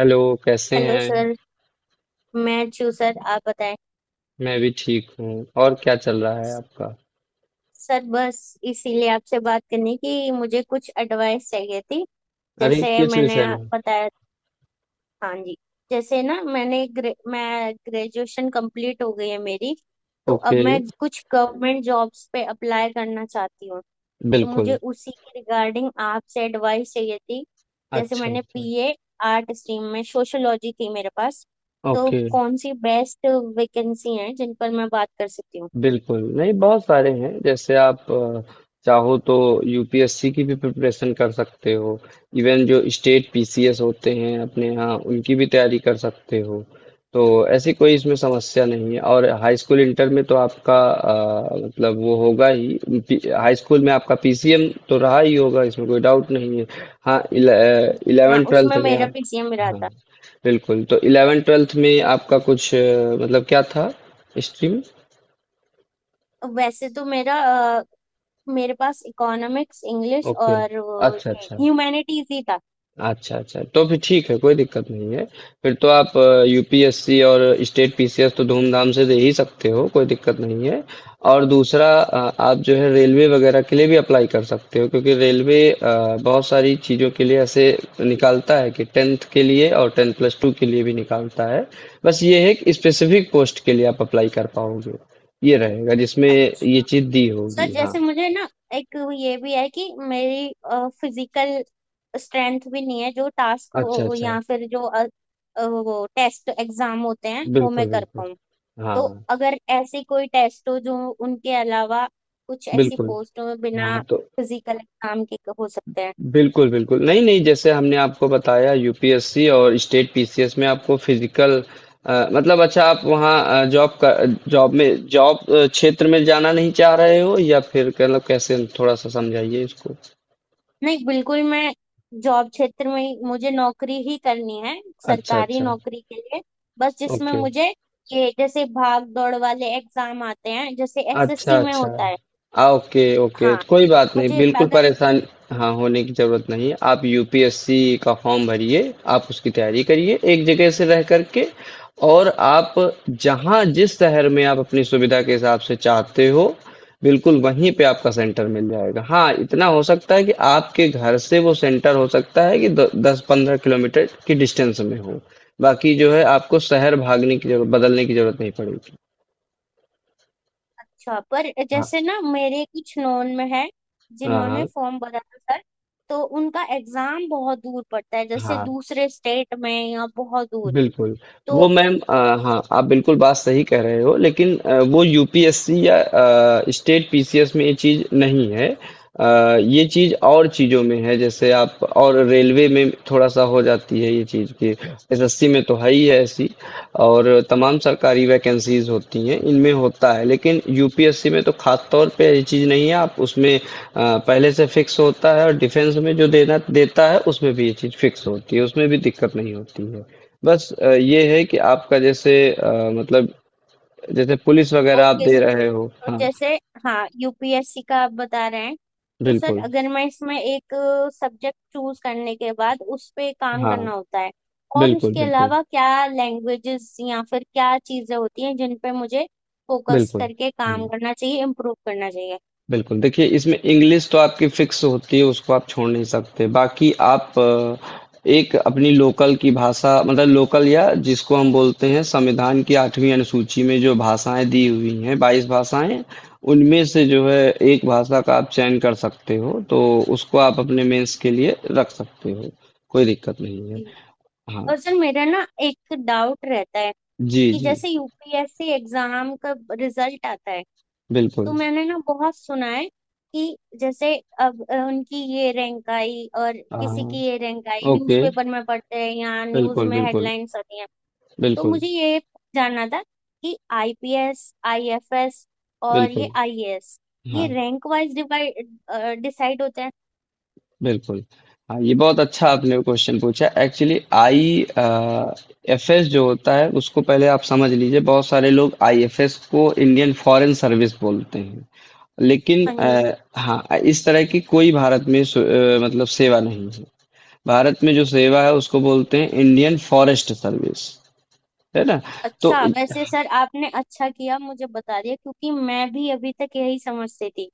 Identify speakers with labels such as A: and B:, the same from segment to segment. A: Hello. कैसे
B: hello
A: हैं?
B: Sir. मैं अच्छी हूँ सर आप बताएं।
A: मैं भी ठीक हूँ। और क्या चल रहा है आपका?
B: सर बस इसीलिए आपसे बात करनी कि मुझे कुछ एडवाइस चाहिए थी।
A: अरे
B: जैसे
A: किस
B: मैंने
A: विषय में?
B: बताया। हाँ जी। जैसे ना मैं ग्रेजुएशन कंप्लीट हो गई है मेरी। तो अब
A: ओके।
B: मैं कुछ गवर्नमेंट जॉब्स पे अप्लाई करना चाहती हूँ। तो मुझे
A: बिल्कुल।
B: उसी के रिगार्डिंग आपसे एडवाइस चाहिए थी। जैसे
A: अच्छा
B: मैंने
A: अच्छा।
B: बीए आर्ट स्ट्रीम में सोशियोलॉजी थी मेरे पास। तो
A: ओके।
B: कौन सी बेस्ट वैकेंसी है जिन पर मैं बात कर सकती हूँ।
A: बिल्कुल, नहीं बहुत सारे हैं जैसे आप चाहो तो यूपीएससी की भी प्रिपरेशन कर सकते हो। इवन जो स्टेट पीसीएस होते हैं अपने यहाँ उनकी भी तैयारी कर सकते हो। तो ऐसी कोई इसमें समस्या नहीं है। और हाई स्कूल इंटर में तो आपका मतलब वो होगा ही। हाई स्कूल में आपका पीसीएम तो रहा ही होगा, इसमें कोई डाउट नहीं है। हाँ,
B: जी हाँ,
A: इलेवेंथ ट्वेल्थ
B: उसमें
A: में
B: मेरा
A: आप।
B: पीसीएम रहा
A: हाँ
B: था।
A: बिल्कुल, तो इलेवेंथ ट्वेल्थ में आपका कुछ मतलब क्या था, हिस्ट्री में?
B: वैसे तो मेरा अ, मेरे पास इकोनॉमिक्स इंग्लिश
A: ओके।
B: और वो
A: अच्छा
B: ये
A: अच्छा।
B: ह्यूमैनिटीज ही था।
A: अच्छा अच्छा, तो फिर ठीक है, कोई दिक्कत नहीं है। फिर तो आप यूपीएससी और स्टेट पीसीएस तो धूमधाम से दे ही सकते हो, कोई दिक्कत नहीं है। और दूसरा, आप जो है रेलवे वगैरह के लिए भी अप्लाई कर सकते हो, क्योंकि रेलवे बहुत सारी चीज़ों के लिए ऐसे निकालता है कि टेंथ के लिए और टेंथ प्लस टू के लिए भी निकालता है। बस ये है कि स्पेसिफिक पोस्ट के लिए आप अप्लाई कर पाओगे, ये रहेगा जिसमें ये चीज़ दी
B: सर
A: होगी। हाँ।
B: जैसे मुझे ना एक ये भी है कि मेरी फिजिकल स्ट्रेंथ भी नहीं है जो टास्क
A: अच्छा
B: वो
A: अच्छा।
B: या फिर जो वो टेस्ट एग्जाम होते हैं वो मैं
A: बिल्कुल
B: कर
A: बिल्कुल।
B: पाऊँ। तो
A: हाँ
B: अगर ऐसी कोई टेस्ट हो जो उनके अलावा कुछ ऐसी
A: बिल्कुल।
B: पोस्ट हो बिना
A: हाँ, तो
B: फिजिकल एग्जाम के हो सकते हैं।
A: बिल्कुल, बिल्कुल। नहीं, नहीं, जैसे हमने आपको बताया यूपीएससी और स्टेट पीसीएस में आपको फिज़िकल मतलब, अच्छा, आप वहाँ जॉब का जॉब में जॉब अ, क्षेत्र में जाना नहीं चाह रहे हो या फिर मतलब कैसे, थोड़ा-सा समझाइए इसको?
B: नहीं, बिल्कुल मैं जॉब क्षेत्र में ही- मुझे नौकरी ही करनी है
A: अच्छा,
B: सरकारी
A: अच्छा।
B: नौकरी के लिए। बस जिसमें
A: ओके।
B: मुझे ये जैसे भाग दौड़ वाले एग्जाम आते हैं जैसे
A: अच्छा,
B: एसएससी में
A: अच्छा।
B: होता है।
A: Okay, okay.
B: हाँ,
A: तो कोई बात नहीं,
B: मुझे
A: बिल्कुल
B: अगर।
A: परेशान, हाँ, होने की ज़रूरत नहीं है। आप यूपीएससी का फॉर्म भरिए, आप उसकी तैयारी करिए एक जगह से रह कर के, और आप जहाँ जिस शहर में आप अपनी सुविधा के हिसाब से चाहते हो, बिल्कुल वहीं पे आपका सेंटर मिल जाएगा। हाँ, इतना हो सकता है कि आपके घर से वो सेंटर हो सकता है कि द 10-15 किलोमीटर की डिस्टेंस में हो। बाकी जो है आपको शहर भागने की ज़रूरत, बदलने की ज़रूरत नहीं पड़ेगी।
B: अच्छा पर
A: हाँ।
B: जैसे ना मेरे कुछ नोन में है
A: हाँ,
B: जिन्होंने
A: हाँ।
B: फॉर्म भरा था सर। तो उनका एग्जाम बहुत दूर पड़ता है जैसे
A: हाँ।
B: दूसरे स्टेट में या बहुत दूर।
A: बिल्कुल।
B: तो
A: वो मैम, हाँ, आप बिल्कुल बात सही कह रहे हो, लेकिन वो यूपीएससी या स्टेट पीसीएस में ये चीज़ नहीं है। ये चीज़ और चीज़ों में है, जैसे आप और रेलवे में थोड़ा-सा हो जाती है ये चीज़ कि एसएससी में तो है ही है ऐसी, और तमाम सरकारी वैकेंसीज़ होती हैं, इनमें होता है, लेकिन यूपीएससी में तो खास तौर पे ये चीज़ नहीं है। आप उसमें पहले से फिक्स होता है, और डिफेंस में जो देना देता है उसमें भी ये चीज़ फिक्स होती है, उसमें भी दिक्कत नहीं होती है। बस ये है कि आपका जैसे मतलब जैसे पुलिस वगैरह आप
B: ओके
A: दे
B: सर।
A: रहे हो,
B: तो
A: हाँ।
B: जैसे हाँ, यूपीएससी का आप बता रहे हैं। तो सर
A: बिल्कुल।
B: अगर मैं इसमें एक सब्जेक्ट चूज करने के बाद उस पे काम करना
A: हाँ,
B: होता है और
A: बिल्कुल।
B: उसके
A: बिल्कुल
B: अलावा क्या लैंग्वेजेस या फिर क्या चीजें होती हैं जिन पे मुझे फोकस
A: बिल्कुल।
B: करके काम
A: हम्म।
B: करना चाहिए, इम्प्रूव करना चाहिए।
A: बिल्कुल, देखिए इसमें इंग्लिश तो आपकी फ़िक्स होती है, उसको आप छोड़ नहीं सकते। बाकी आप एक अपनी लोकल की भाषा, मतलब लोकल या जिसको हम बोलते हैं संविधान की 8वीं अनुसूची में जो भाषाएँ दी हुई हैं, 22 भाषाएँ, उनमें से जो है एक भाषा का आप चयन कर सकते हो, तो उसको आप अपने मेंस के लिए रख सकते हो, कोई दिक्कत नहीं है।
B: जी।
A: हाँ,
B: और सर मेरा ना एक डाउट रहता है
A: जी,
B: कि
A: जी,
B: जैसे यूपीएससी एग्जाम का रिजल्ट आता है। तो
A: बिल्कुल।
B: मैंने ना बहुत सुना है कि जैसे अब उनकी ये रैंक आई और किसी
A: हाँ,
B: की ये रैंक आई,
A: ओके,
B: न्यूज़पेपर में पढ़ते हैं या न्यूज़
A: बिल्कुल,
B: में
A: बिल्कुल,
B: हेडलाइंस आती हैं। तो
A: बिल्कुल,
B: मुझे ये जानना था कि आईपीएस, आईएफएस और ये
A: बिल्कुल,
B: आईएएस ये
A: हाँ।
B: रैंक वाइज डिवाइड डिसाइड होते हैं।
A: बिल्कुल। हाँ, ये बहुत अच्छा आपने क्वेश्चन पूछा। एक्चुअली आई एफएस जो होता है उसको पहले आप समझ लीजिए। बहुत सारे लोग आईएफएस को इंडियन फॉरेन सर्विस बोलते हैं। लेकिन
B: हाँ जी।
A: हाँ, इस तरह की कोई भारत में मतलब सेवा नहीं है। भारत में जो सेवा है उसको बोलते हैं इंडियन फॉरेस्ट सर्विस। है ना?
B: अच्छा,
A: तो
B: वैसे सर आपने अच्छा किया मुझे बता दिया क्योंकि मैं भी अभी तक यही समझती थी।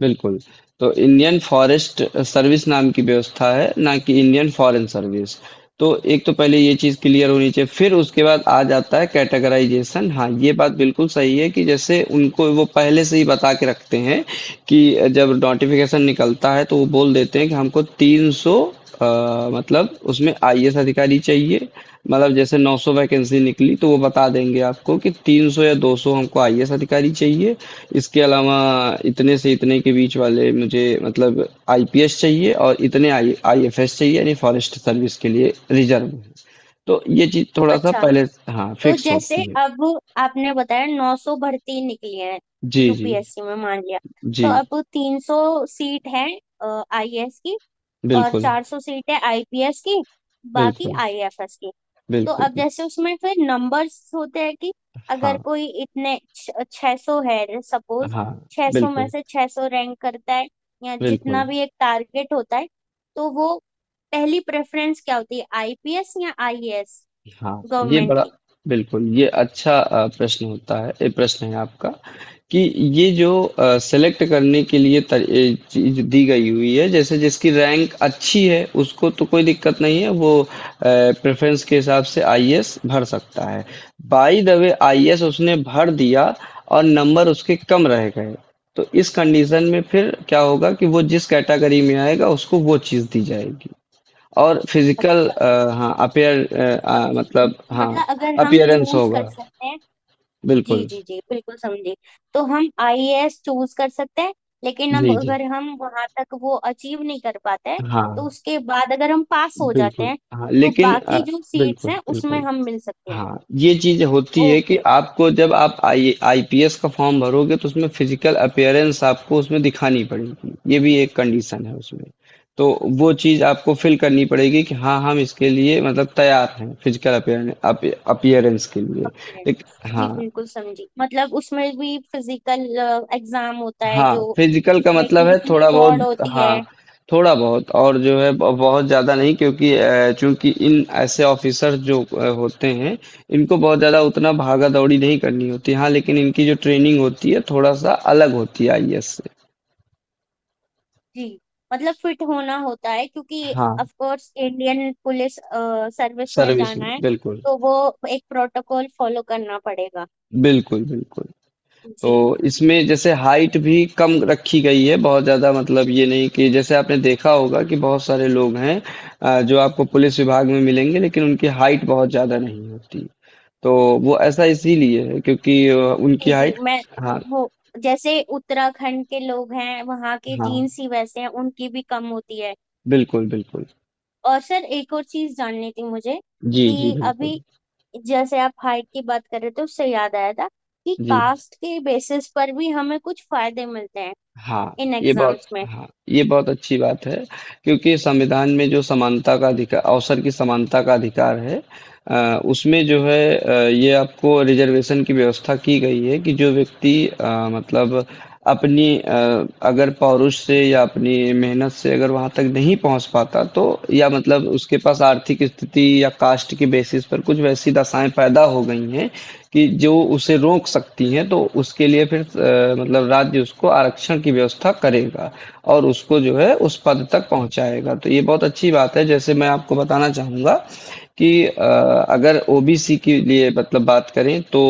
A: बिल्कुल। तो इंडियन फॉरेस्ट सर्विस नाम की व्यवस्था है, ना कि इंडियन फॉरेन सर्विस। तो एक तो पहले ये चीज़ क्लियर होनी चाहिए, फिर उसके बाद आ जाता है कैटेगराइजेशन। हाँ, ये बात बिल्कुल सही है कि जैसे उनको वो पहले से ही बता के रखते हैं कि जब नोटिफिकेशन निकलता है, तो वो बोल देते हैं कि हमको तीस 300 मतलब उसमें आईएएस अधिकारी चाहिए, मतलब जैसे 900 वैकेंसी निकली तो वो बता देंगे आपको कि 300 या 200 हमको आईएएस अधिकारी चाहिए। इसके अलावा इतने से इतने के बीच वाले मुझे मतलब आईपीएस चाहिए, और इतने आई आईएफएस चाहिए, यानी फॉरेस्ट सर्विस के लिए रिजर्व में। तो ये चीज थोड़ा सा
B: अच्छा,
A: पहले, हाँ,
B: तो
A: फिक्स
B: जैसे
A: होती है।
B: अब आपने बताया 900 भर्ती निकली है
A: जी जी
B: यूपीएससी में मान लिया। तो
A: जी।
B: अब 300 सीट है आईएएस की और
A: बिल्कुल
B: 400 सीट है आईपीएस की, बाकी
A: बिल्कुल।
B: आईएफएस की। तो
A: बिल्कुल
B: अब
A: बिल्कुल।
B: जैसे उसमें फिर नंबर्स होते हैं कि अगर
A: हाँ
B: कोई इतने छह सौ है सपोज,
A: हाँ।
B: 600 में
A: बिल्कुल
B: से 600 रैंक करता है या
A: बिल्कुल।
B: जितना भी एक टारगेट होता है। तो वो पहली प्रेफरेंस क्या होती है, आईपीएस या आईएएस
A: हाँ, ये
B: गवर्नमेंट
A: बड़ा, बिल्कुल, ये अच्छा प्रश्न होता है, ये प्रश्न है आपका कि ये जो सेलेक्ट करने के लिए ये चीज दी गई हुई है, जैसे जिसकी रैंक अच्छी है उसको तो कोई दिक्कत नहीं है, वो प्रेफरेंस के हिसाब से आईएएस भर सकता है। बाय द वे, आईएएस उसने भर दिया, और नंबर उसके कम रह गए, तो इस कंडीशन में फिर क्या होगा कि वो जिस कैटेगरी में आएगा उसको वो चीज दी जाएगी। और
B: की।
A: फिजिकल, हाँ, अपियर,
B: समझी।
A: मतलब, हाँ,
B: मतलब अगर हम
A: अपियरेंस
B: चूज कर
A: होगा।
B: सकते हैं। जी
A: बिल्कुल।
B: जी जी, बिल्कुल समझी। तो हम आईएएस चूज कर सकते हैं लेकिन हम
A: जी जी।
B: अगर हम वहां तक वो अचीव नहीं कर पाते हैं,
A: हाँ
B: तो उसके बाद अगर हम पास हो जाते
A: बिल्कुल।
B: हैं
A: हाँ
B: तो
A: लेकिन
B: बाकी जो सीट्स
A: बिल्कुल
B: हैं उसमें
A: बिल्कुल।
B: हम मिल सकते हैं।
A: हाँ, ये चीज होती है कि
B: ओके।
A: आपको जब आप आई आईपीएस का फॉर्म भरोगे तो उसमें फिजिकल अपियरेंस आपको उसमें दिखानी पड़ेगी, ये भी एक कंडीशन है उसमें। तो वो चीज आपको फिल करनी पड़ेगी कि हाँ हम इसके लिए मतलब तैयार हैं फिजिकल अपियरेंस के लिए। एक,
B: अपीयरेंस जी,
A: हाँ
B: बिल्कुल समझी। मतलब उसमें भी फिजिकल एग्जाम होता है
A: हाँ,
B: जो
A: फिजिकल का
B: जिसमें
A: मतलब
B: कि
A: है
B: इतनी
A: थोड़ा
B: दौड़
A: बहुत,
B: होती है।
A: हाँ। थोड़ा बहुत, और जो है बहुत ज्यादा नहीं, क्योंकि चूंकि इन ऐसे ऑफिसर जो होते हैं, इनको बहुत ज्यादा उतना भागा दौड़ी नहीं करनी होती, हाँ, लेकिन इनकी जो ट्रेनिंग होती है थोड़ा सा अलग होती है आईएएस से।
B: जी। मतलब फिट होना होता है क्योंकि
A: हाँ,
B: of course Indian police service में
A: सर्विस
B: जाना
A: में
B: है।
A: बिल्कुल।
B: तो वो एक प्रोटोकॉल फॉलो करना पड़ेगा।
A: बिल्कुल बिल्कुल। तो
B: जी
A: इसमें जैसे हाइट भी कम रखी गई है, बहुत ज़्यादा मतलब ये नहीं कि, जैसे आपने देखा होगा कि बहुत सारे लोग हैं जो आपको पुलिस विभाग में मिलेंगे लेकिन उनकी हाइट बहुत ज़्यादा नहीं होती। तो वो ऐसा इसीलिए है क्योंकि उनकी
B: जी जी।
A: हाइट।
B: मैं
A: हाँ,
B: वो जैसे उत्तराखंड के लोग हैं वहाँ के
A: हाँ,
B: जीन्स ही वैसे हैं, उनकी भी कम होती है।
A: बिल्कुल, बिल्कुल।
B: और सर एक और चीज जाननी थी मुझे
A: जी, जी,
B: कि
A: बिल्कुल।
B: अभी जैसे आप हाइट की बात कर रहे थे उससे याद आया था कि
A: जी,
B: कास्ट के बेसिस पर भी हमें कुछ फायदे मिलते हैं
A: हाँ,
B: इन
A: ये बहुत,
B: एग्जाम्स में।
A: हाँ, ये बहुत अच्छी बात है, क्योंकि संविधान में जो समानता का अधिकार, अवसर की समानता का अधिकार है, उसमें जो है ये आपको रिजर्वेशन की व्यवस्था की गई है कि जो व्यक्ति मतलब अपनी अगर पौरुष से या अपनी मेहनत से अगर वहां तक नहीं पहुंच पाता, तो या मतलब उसके पास आर्थिक स्थिति या कास्ट के बेसिस पर कुछ वैसी दशाएं पैदा हो गई हैं कि जो उसे रोक सकती हैं, तो उसके लिए फिर मतलब राज्य उसको आरक्षण की व्यवस्था करेगा और उसको जो है उस पद तक पहुंचाएगा। तो ये बहुत अच्छी बात है, जैसे मैं आपको बताना चाहूंगा कि अगर ओबीसी के लिए मतलब बात करें तो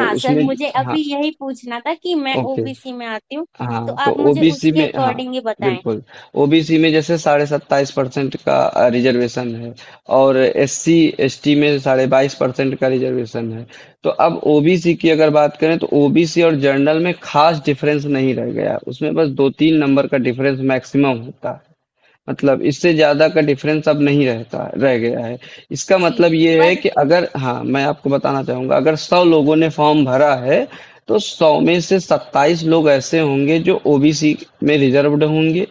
B: हाँ सर,
A: उसमें।
B: मुझे
A: हाँ।
B: अभी यही पूछना था कि मैं
A: ओके।
B: ओबीसी में आती हूँ। तो
A: हाँ, तो
B: आप मुझे
A: ओबीसी
B: उसके
A: में, हाँ।
B: अकॉर्डिंग ही बताएं।
A: बिल्कुल। ओबीसी में जैसे 27.5% का रिजर्वेशन है, और एससी एसटी में 22.5% का रिजर्वेशन है। तो अब ओबीसी की अगर बात करें तो ओबीसी और जनरल में खास डिफरेंस नहीं रह गया, उसमें बस दो तीन नंबर का डिफरेंस मैक्सिमम होता है, मतलब इससे ज़्यादा का डिफरेंस अब नहीं रहता, रह गया है। इसका
B: जी।
A: मतलब ये है
B: पर
A: कि, अगर, हाँ, मैं आपको बताना चाहूँगा, अगर 100 लोगों ने फॉर्म भरा है, तो 100 में से 27 लोग ऐसे होंगे जो ओबीसी में रिजर्व्ड होंगे,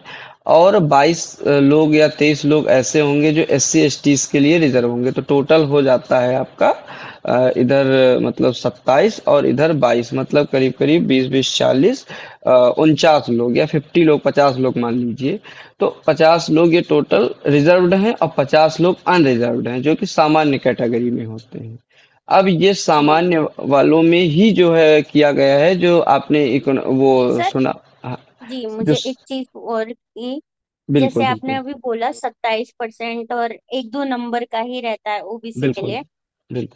A: और 22 लोग या 23 लोग ऐसे होंगे जो एससी एसटी के लिए रिजर्व होंगे। तो टोटल हो जाता है आपका, इधर मतलब 27 और इधर 22, मतलब करीब करीब 20 बीस, 40, 49 लोग, या 50 लोग, 50 लोग मान लीजिए। तो 50 लोग ये टोटल रिजर्व्ड हैं और 50 लोग अनरिजर्व्ड हैं, जो कि सामान्य कैटेगरी में होते हैं। अब ये
B: जी
A: सामान्य वालों में ही जो है किया गया है, जो आपने वो
B: सर।
A: सुना। हाँ,
B: जी
A: जो।
B: मुझे एक चीज और की, जैसे
A: बिल्कुल
B: आपने
A: बिल्कुल।
B: अभी बोला 27% और एक दो नंबर का ही रहता है ओबीसी के
A: बिल्कुल
B: लिए।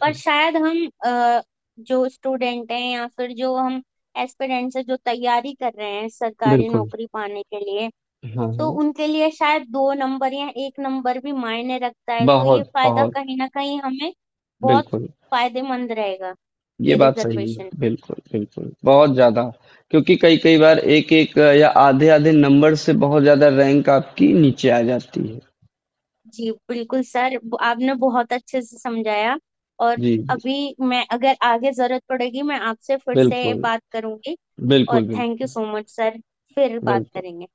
B: पर शायद हम जो स्टूडेंट हैं या फिर जो हम एस्पिरेंट्स से जो तैयारी कर रहे हैं सरकारी
A: बिल्कुल।
B: नौकरी पाने के लिए,
A: हाँ
B: तो
A: हाँ।
B: उनके लिए शायद दो नंबर या एक नंबर भी मायने रखता है। तो ये
A: बहुत
B: फायदा
A: बहुत,
B: कहीं ना कहीं हमें बहुत
A: बिल्कुल।
B: फायदेमंद रहेगा
A: ये
B: ये
A: बात सही है,
B: रिजर्वेशन।
A: बिल्कुल बिल्कुल, बहुत ज्यादा, क्योंकि कई कई बार एक एक या आधे आधे नंबर से बहुत ज्यादा रैंक आपकी नीचे आ जाती है।
B: जी बिल्कुल सर, आपने बहुत अच्छे से समझाया। और
A: जी जी।
B: अभी मैं अगर आगे जरूरत पड़ेगी मैं आपसे फिर से
A: बिल्कुल
B: बात करूंगी। और
A: बिल्कुल।
B: थैंक यू
A: बिल्कुल
B: सो मच सर, फिर बात
A: बिल्कुल।
B: करेंगे।